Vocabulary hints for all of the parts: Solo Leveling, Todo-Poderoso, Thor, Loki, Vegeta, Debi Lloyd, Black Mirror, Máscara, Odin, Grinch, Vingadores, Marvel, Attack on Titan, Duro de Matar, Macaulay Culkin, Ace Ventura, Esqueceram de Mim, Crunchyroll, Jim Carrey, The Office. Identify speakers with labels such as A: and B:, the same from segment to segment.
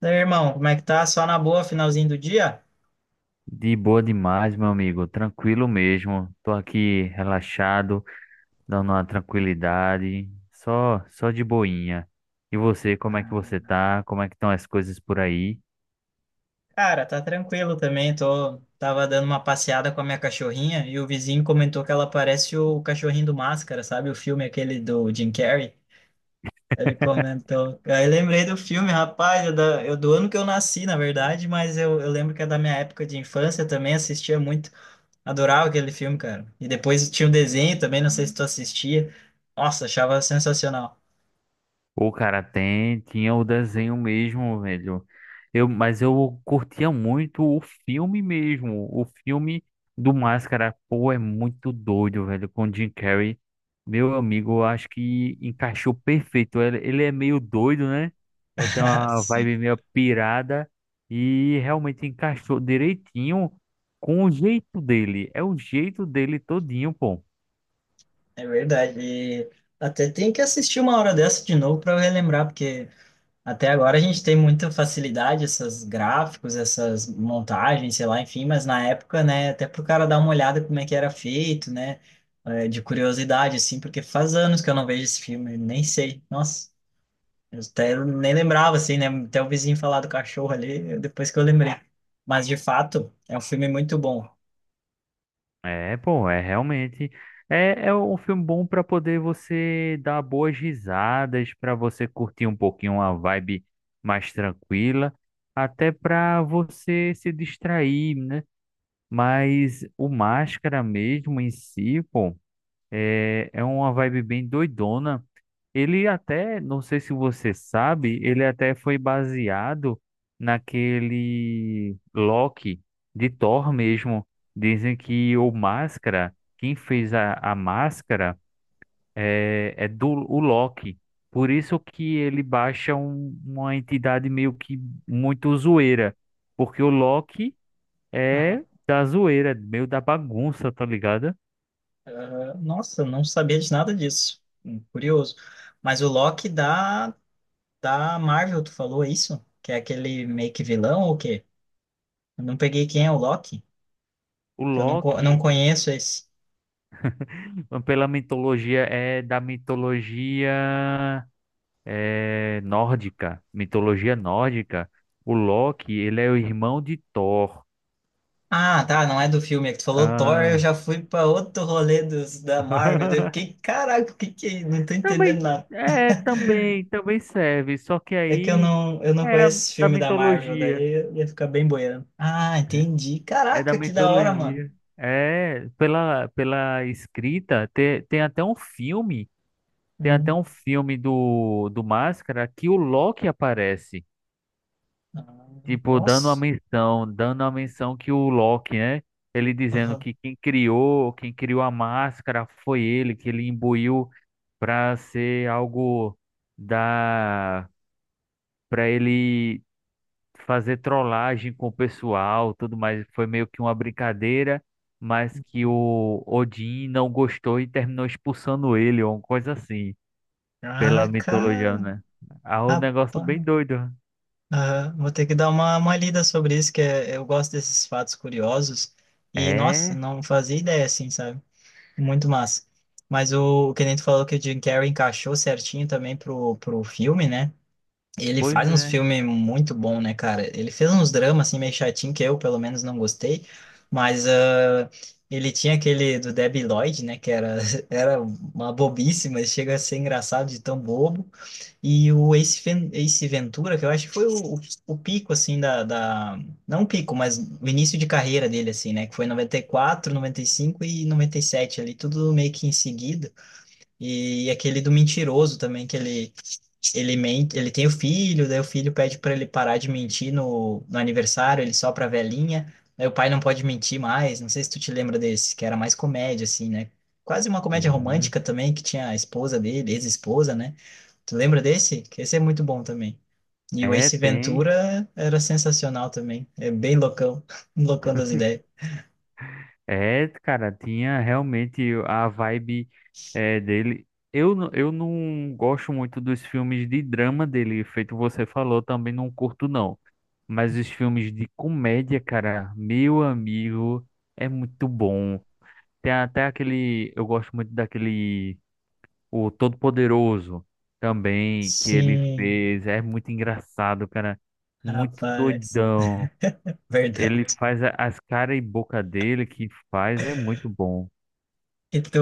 A: Daí, irmão, como é que tá? Só na boa, finalzinho do dia?
B: De boa demais, meu amigo. Tranquilo mesmo. Tô aqui relaxado, dando uma tranquilidade, só de boinha. E você, como é que você tá? Como é que estão as coisas por aí?
A: Cara, tá tranquilo também. Tava dando uma passeada com a minha cachorrinha e o vizinho comentou que ela parece o cachorrinho do Máscara, sabe? O filme aquele do Jim Carrey. Ele comentou. Aí lembrei do filme, rapaz, eu do ano que eu nasci, na verdade, mas eu lembro que é da minha época de infância também, assistia muito. Adorava aquele filme, cara. E depois tinha um desenho também, não sei se tu assistia. Nossa, achava sensacional.
B: O cara tem, tinha o desenho mesmo, velho. Eu, mas eu curtia muito o filme mesmo. O filme do Máscara, pô, é muito doido, velho. Com o Jim Carrey, meu amigo, eu acho que encaixou perfeito. Ele é meio doido, né? Ele tem uma vibe meio pirada e realmente encaixou direitinho com o jeito dele. É o jeito dele todinho, pô.
A: É verdade. E até tem que assistir uma hora dessa de novo para relembrar, porque até agora a gente tem muita facilidade, esses gráficos, essas montagens, sei lá, enfim, mas na época, né, até pro cara dar uma olhada como é que era feito, né, é, de curiosidade, assim, porque faz anos que eu não vejo esse filme, nem sei. Nossa, eu até nem lembrava, assim, né, até o vizinho falar do cachorro ali, depois que eu lembrei. Mas, de fato, é um filme muito bom.
B: É, pô, é realmente. É, um filme bom pra poder você dar boas risadas, pra você curtir um pouquinho uma vibe mais tranquila, até pra você se distrair, né? Mas o Máscara mesmo em si, pô, é uma vibe bem doidona. Ele até, não sei se você sabe, ele até foi baseado naquele Loki de Thor mesmo. Dizem que o Máscara, quem fez a máscara é, é do o Loki. Por isso que ele baixa uma entidade meio que muito zoeira. Porque o Loki é da zoeira, meio da bagunça, tá ligado?
A: Nossa, não sabia de nada disso. Curioso. Mas o Loki da Marvel, tu falou isso? Que é aquele meio que vilão ou o quê? Eu não peguei quem é o Loki,
B: O
A: que eu não, co-
B: Loki,
A: não conheço esse.
B: pela mitologia, é da nórdica, mitologia nórdica, o Loki, ele é o irmão de Thor.
A: Ah, tá, não é do filme. É que tu falou Thor, eu
B: Ah.
A: já fui pra outro rolê da Marvel. Daí eu fiquei, caraca, o que que é isso? Não tô entendendo
B: Também,
A: nada.
B: é, também, também serve, só que
A: É que eu
B: aí
A: não, eu não
B: é
A: conheço esse
B: da
A: filme da Marvel, daí
B: mitologia.
A: eu ia ficar bem boiando. Ah,
B: É
A: entendi.
B: é da
A: Caraca, que da hora, mano.
B: mitologia. É, pela escrita, tem, tem até
A: Hum.
B: um filme do, do Máscara que o Loki aparece.
A: Ah,
B: Tipo,
A: nossa.
B: dando uma menção que o Loki, né? Ele dizendo que quem criou a máscara foi ele, que ele imbuiu pra ser algo da, pra ele fazer trollagem com o pessoal, tudo mais. Foi meio que uma brincadeira, mas que o Odin não gostou e terminou expulsando ele, ou uma coisa assim, pela
A: Ah,
B: mitologia,
A: cara,
B: né? Ah, um
A: rapaz.
B: negócio bem doido.
A: Aham, vou ter que dar uma lida sobre isso, que é, eu gosto desses fatos curiosos. E, nossa,
B: É,
A: não fazia ideia assim, sabe? Muito massa. Mas o que nem tu falou que o Jim Carrey encaixou certinho também pro filme, né? Ele
B: pois
A: faz uns
B: é.
A: filmes muito bom, né, cara? Ele fez uns dramas, assim, meio chatinho, que eu, pelo menos, não gostei. Mas ele tinha aquele do Debi Lloyd, né? Que era, era uma bobice, mas chega a ser engraçado de tão bobo. E o Ace Ventura, que eu acho que foi o pico, assim, da, da... Não o pico, mas o início de carreira dele, assim, né? Que foi noventa e quatro, noventa e cinco e noventa e sete ali, tudo meio que em seguida. E aquele do mentiroso também, que ele mente, ele tem o filho, daí o filho pede para ele parar de mentir no aniversário, ele sopra a velhinha, daí o pai não pode mentir mais. Não sei se tu te lembra desse, que era mais comédia, assim, né? Quase uma comédia
B: Sim.
A: romântica também, que tinha a esposa dele, ex-esposa, né? Tu lembra desse? Que Esse é muito bom também. E o
B: É,
A: Ace
B: tem.
A: Ventura era sensacional também. É bem loucão, loucão das ideias.
B: É, cara, tinha realmente a vibe dele. Eu não gosto muito dos filmes de drama dele, feito você falou, também não curto não. Mas os filmes de comédia, cara, meu amigo, é muito bom. Tem até aquele, eu gosto muito daquele, o Todo-Poderoso também, que ele
A: Sim,
B: fez. É muito engraçado, cara, muito
A: rapaz.
B: doidão. Ele
A: Verdade.
B: faz as cara e boca dele que faz, é muito bom.
A: E tu,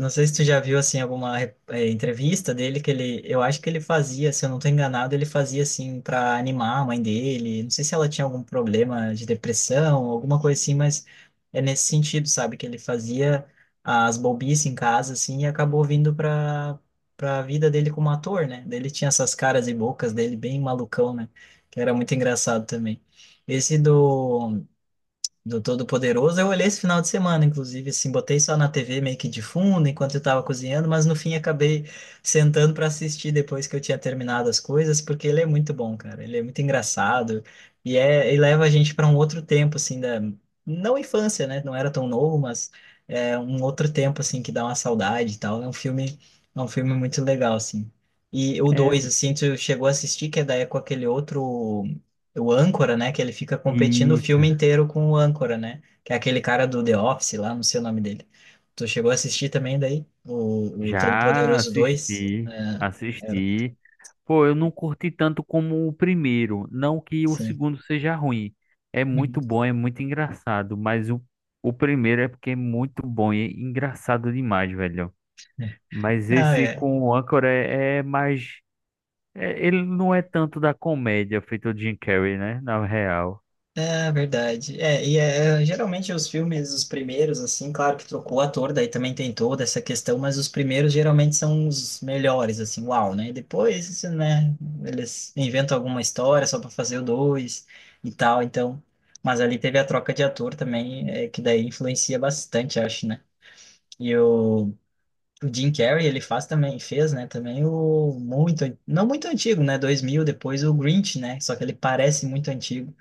A: não sei se tu já viu assim alguma entrevista dele que ele, eu acho que ele fazia, se eu não tô enganado, ele fazia assim para animar a mãe dele. Não sei se ela tinha algum problema de depressão, alguma coisa assim, mas é nesse sentido, sabe, que ele fazia as bobices em casa assim e acabou vindo para a vida dele como ator, né? Daí ele tinha essas caras e bocas dele bem malucão, né? Que era muito engraçado também. Esse do Todo-Poderoso. Eu olhei esse final de semana, inclusive, assim, botei só na TV meio que de fundo enquanto eu tava cozinhando, mas no fim acabei sentando para assistir depois que eu tinha terminado as coisas, porque ele é muito bom, cara. Ele é muito engraçado e leva a gente para um outro tempo, assim, da não infância, né? Não era tão novo, mas é um outro tempo assim que dá uma saudade e tal. É um filme muito legal, assim. E o dois
B: É,
A: assim, tu chegou a assistir, que é daí é com aquele outro o âncora, né? Que ele fica competindo o
B: e
A: filme inteiro com o âncora, né? Que é aquele cara do The Office lá, não sei o nome dele. Tu chegou a assistir também daí? O
B: já
A: Todo-Poderoso dois.
B: assisti,
A: É, é,
B: assisti. Pô, eu não curti tanto como o primeiro. Não que o
A: sim.
B: segundo seja ruim. É
A: Uhum.
B: muito bom, é muito engraçado. Mas o primeiro é porque é muito bom e é engraçado demais, velho. Mas
A: Não,
B: esse
A: é,
B: com o Anchor é mais. Ele não é tanto da comédia feito o Jim Carrey, né? Na real.
A: é verdade. Geralmente os filmes, os primeiros, assim, claro que trocou o ator, daí também tem toda essa questão, mas os primeiros geralmente são os melhores, assim, uau, né? Depois, isso, né, eles inventam alguma história só para fazer o dois e tal, então. Mas ali teve a troca de ator também, é, que daí influencia bastante, acho, né? E o Jim Carrey, ele faz também, fez, né, também o muito, não muito antigo, né, dois mil, depois o Grinch, né? Só que ele parece muito antigo,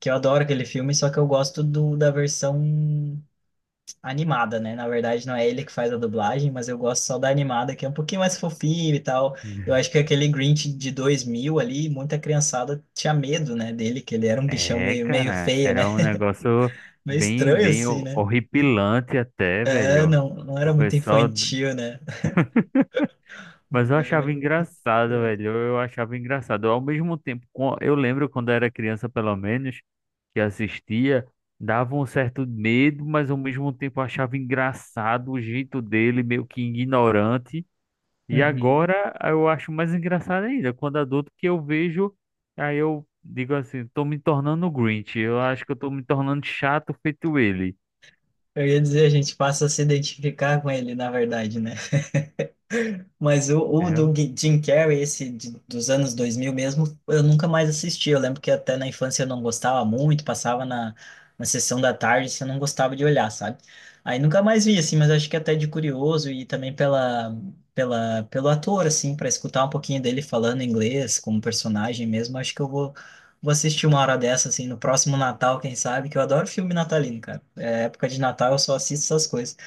A: que eu adoro aquele filme, só que eu gosto do, da versão animada, né? Na verdade, não é ele que faz a dublagem, mas eu gosto só da animada, que é um pouquinho mais fofinho e tal. Eu acho que aquele Grinch de 2000 ali, muita criançada tinha medo, né, dele, que ele era um bichão
B: É,
A: meio, meio
B: cara,
A: feio, né?
B: era um negócio
A: Meio
B: bem,
A: estranho assim, né?
B: horripilante até,
A: É,
B: velho.
A: não, não
B: O
A: era muito
B: pessoal,
A: infantil, né? Um
B: mas eu
A: bagulho
B: achava
A: meio
B: engraçado,
A: estranho.
B: velho. Eu achava engraçado. Ao mesmo tempo, eu lembro quando era criança, pelo menos, que assistia, dava um certo medo, mas ao mesmo tempo eu achava engraçado o jeito dele, meio que ignorante. E
A: Uhum.
B: agora eu acho mais engraçado ainda, quando adulto que eu vejo, aí eu digo assim, tô me tornando Grinch, eu acho que eu tô me tornando chato feito ele.
A: Eu ia dizer, a gente passa a se identificar com ele, na verdade, né? Mas o
B: É,
A: do
B: um,
A: Jim Carrey, esse dos anos 2000 mesmo, eu nunca mais assisti. Eu lembro que até na infância eu não gostava muito, passava na sessão da tarde, assim, eu não gostava de olhar, sabe? Aí nunca mais vi, assim, mas acho que até de curioso e também pelo ator, assim, para escutar um pouquinho dele falando inglês como personagem mesmo, acho que vou assistir uma hora dessa, assim, no próximo Natal, quem sabe, que eu adoro filme natalino, cara. É, época de Natal eu só assisto essas coisas.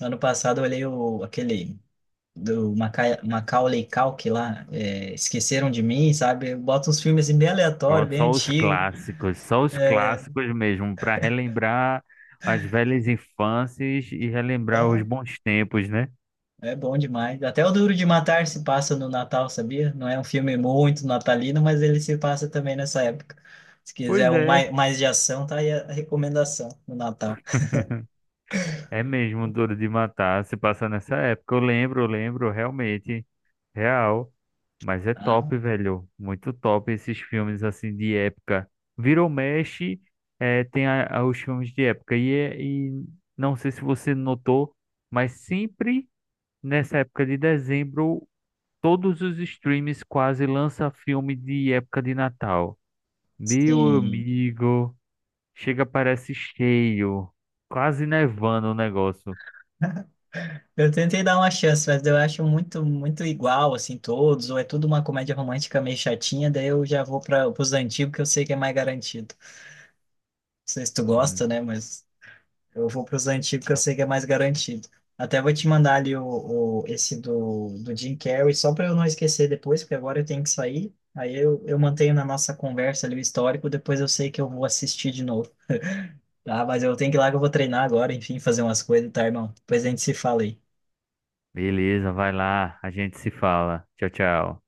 A: Ano passado eu olhei o, aquele do Macaulay Culkin lá, é, Esqueceram de Mim, sabe? Bota uns filmes assim, bem
B: ó,
A: aleatórios, bem antigos.
B: só os clássicos mesmo, para relembrar as velhas infâncias e relembrar os
A: Bom,
B: bons tempos, né?
A: é bom demais. Até o Duro de Matar se passa no Natal, sabia? Não é um filme muito natalino, mas ele se passa também nessa época. Se quiser
B: Pois
A: um
B: é.
A: mais, mais de ação, tá aí a recomendação no Natal.
B: É mesmo Duro de Matar, se passa nessa época. Eu lembro, realmente, real. Mas é
A: Ah,
B: top, velho. Muito top esses filmes assim de época. Virou mexe, tem os filmes de época. E não sei se você notou, mas sempre nessa época de dezembro, todos os streams quase lançam filme de época de Natal. Meu
A: sim.
B: amigo, chega parece cheio, quase nevando o negócio.
A: Eu tentei dar uma chance, mas eu acho muito, muito igual, assim, todos, ou é tudo uma comédia romântica meio chatinha, daí eu já vou para os antigos que eu sei que é mais garantido. Sei se tu gosta, né? Mas eu vou para os antigos que eu sei que é mais garantido. Até vou te mandar ali esse do Jim Carrey, só para eu não esquecer depois, porque agora eu tenho que sair. Aí eu mantenho na nossa conversa ali o histórico, depois eu sei que eu vou assistir de novo. Tá, mas eu tenho que ir lá que eu vou treinar agora, enfim, fazer umas coisas, tá, irmão? Depois a gente se fala aí.
B: Beleza, vai lá, a gente se fala. Tchau, tchau.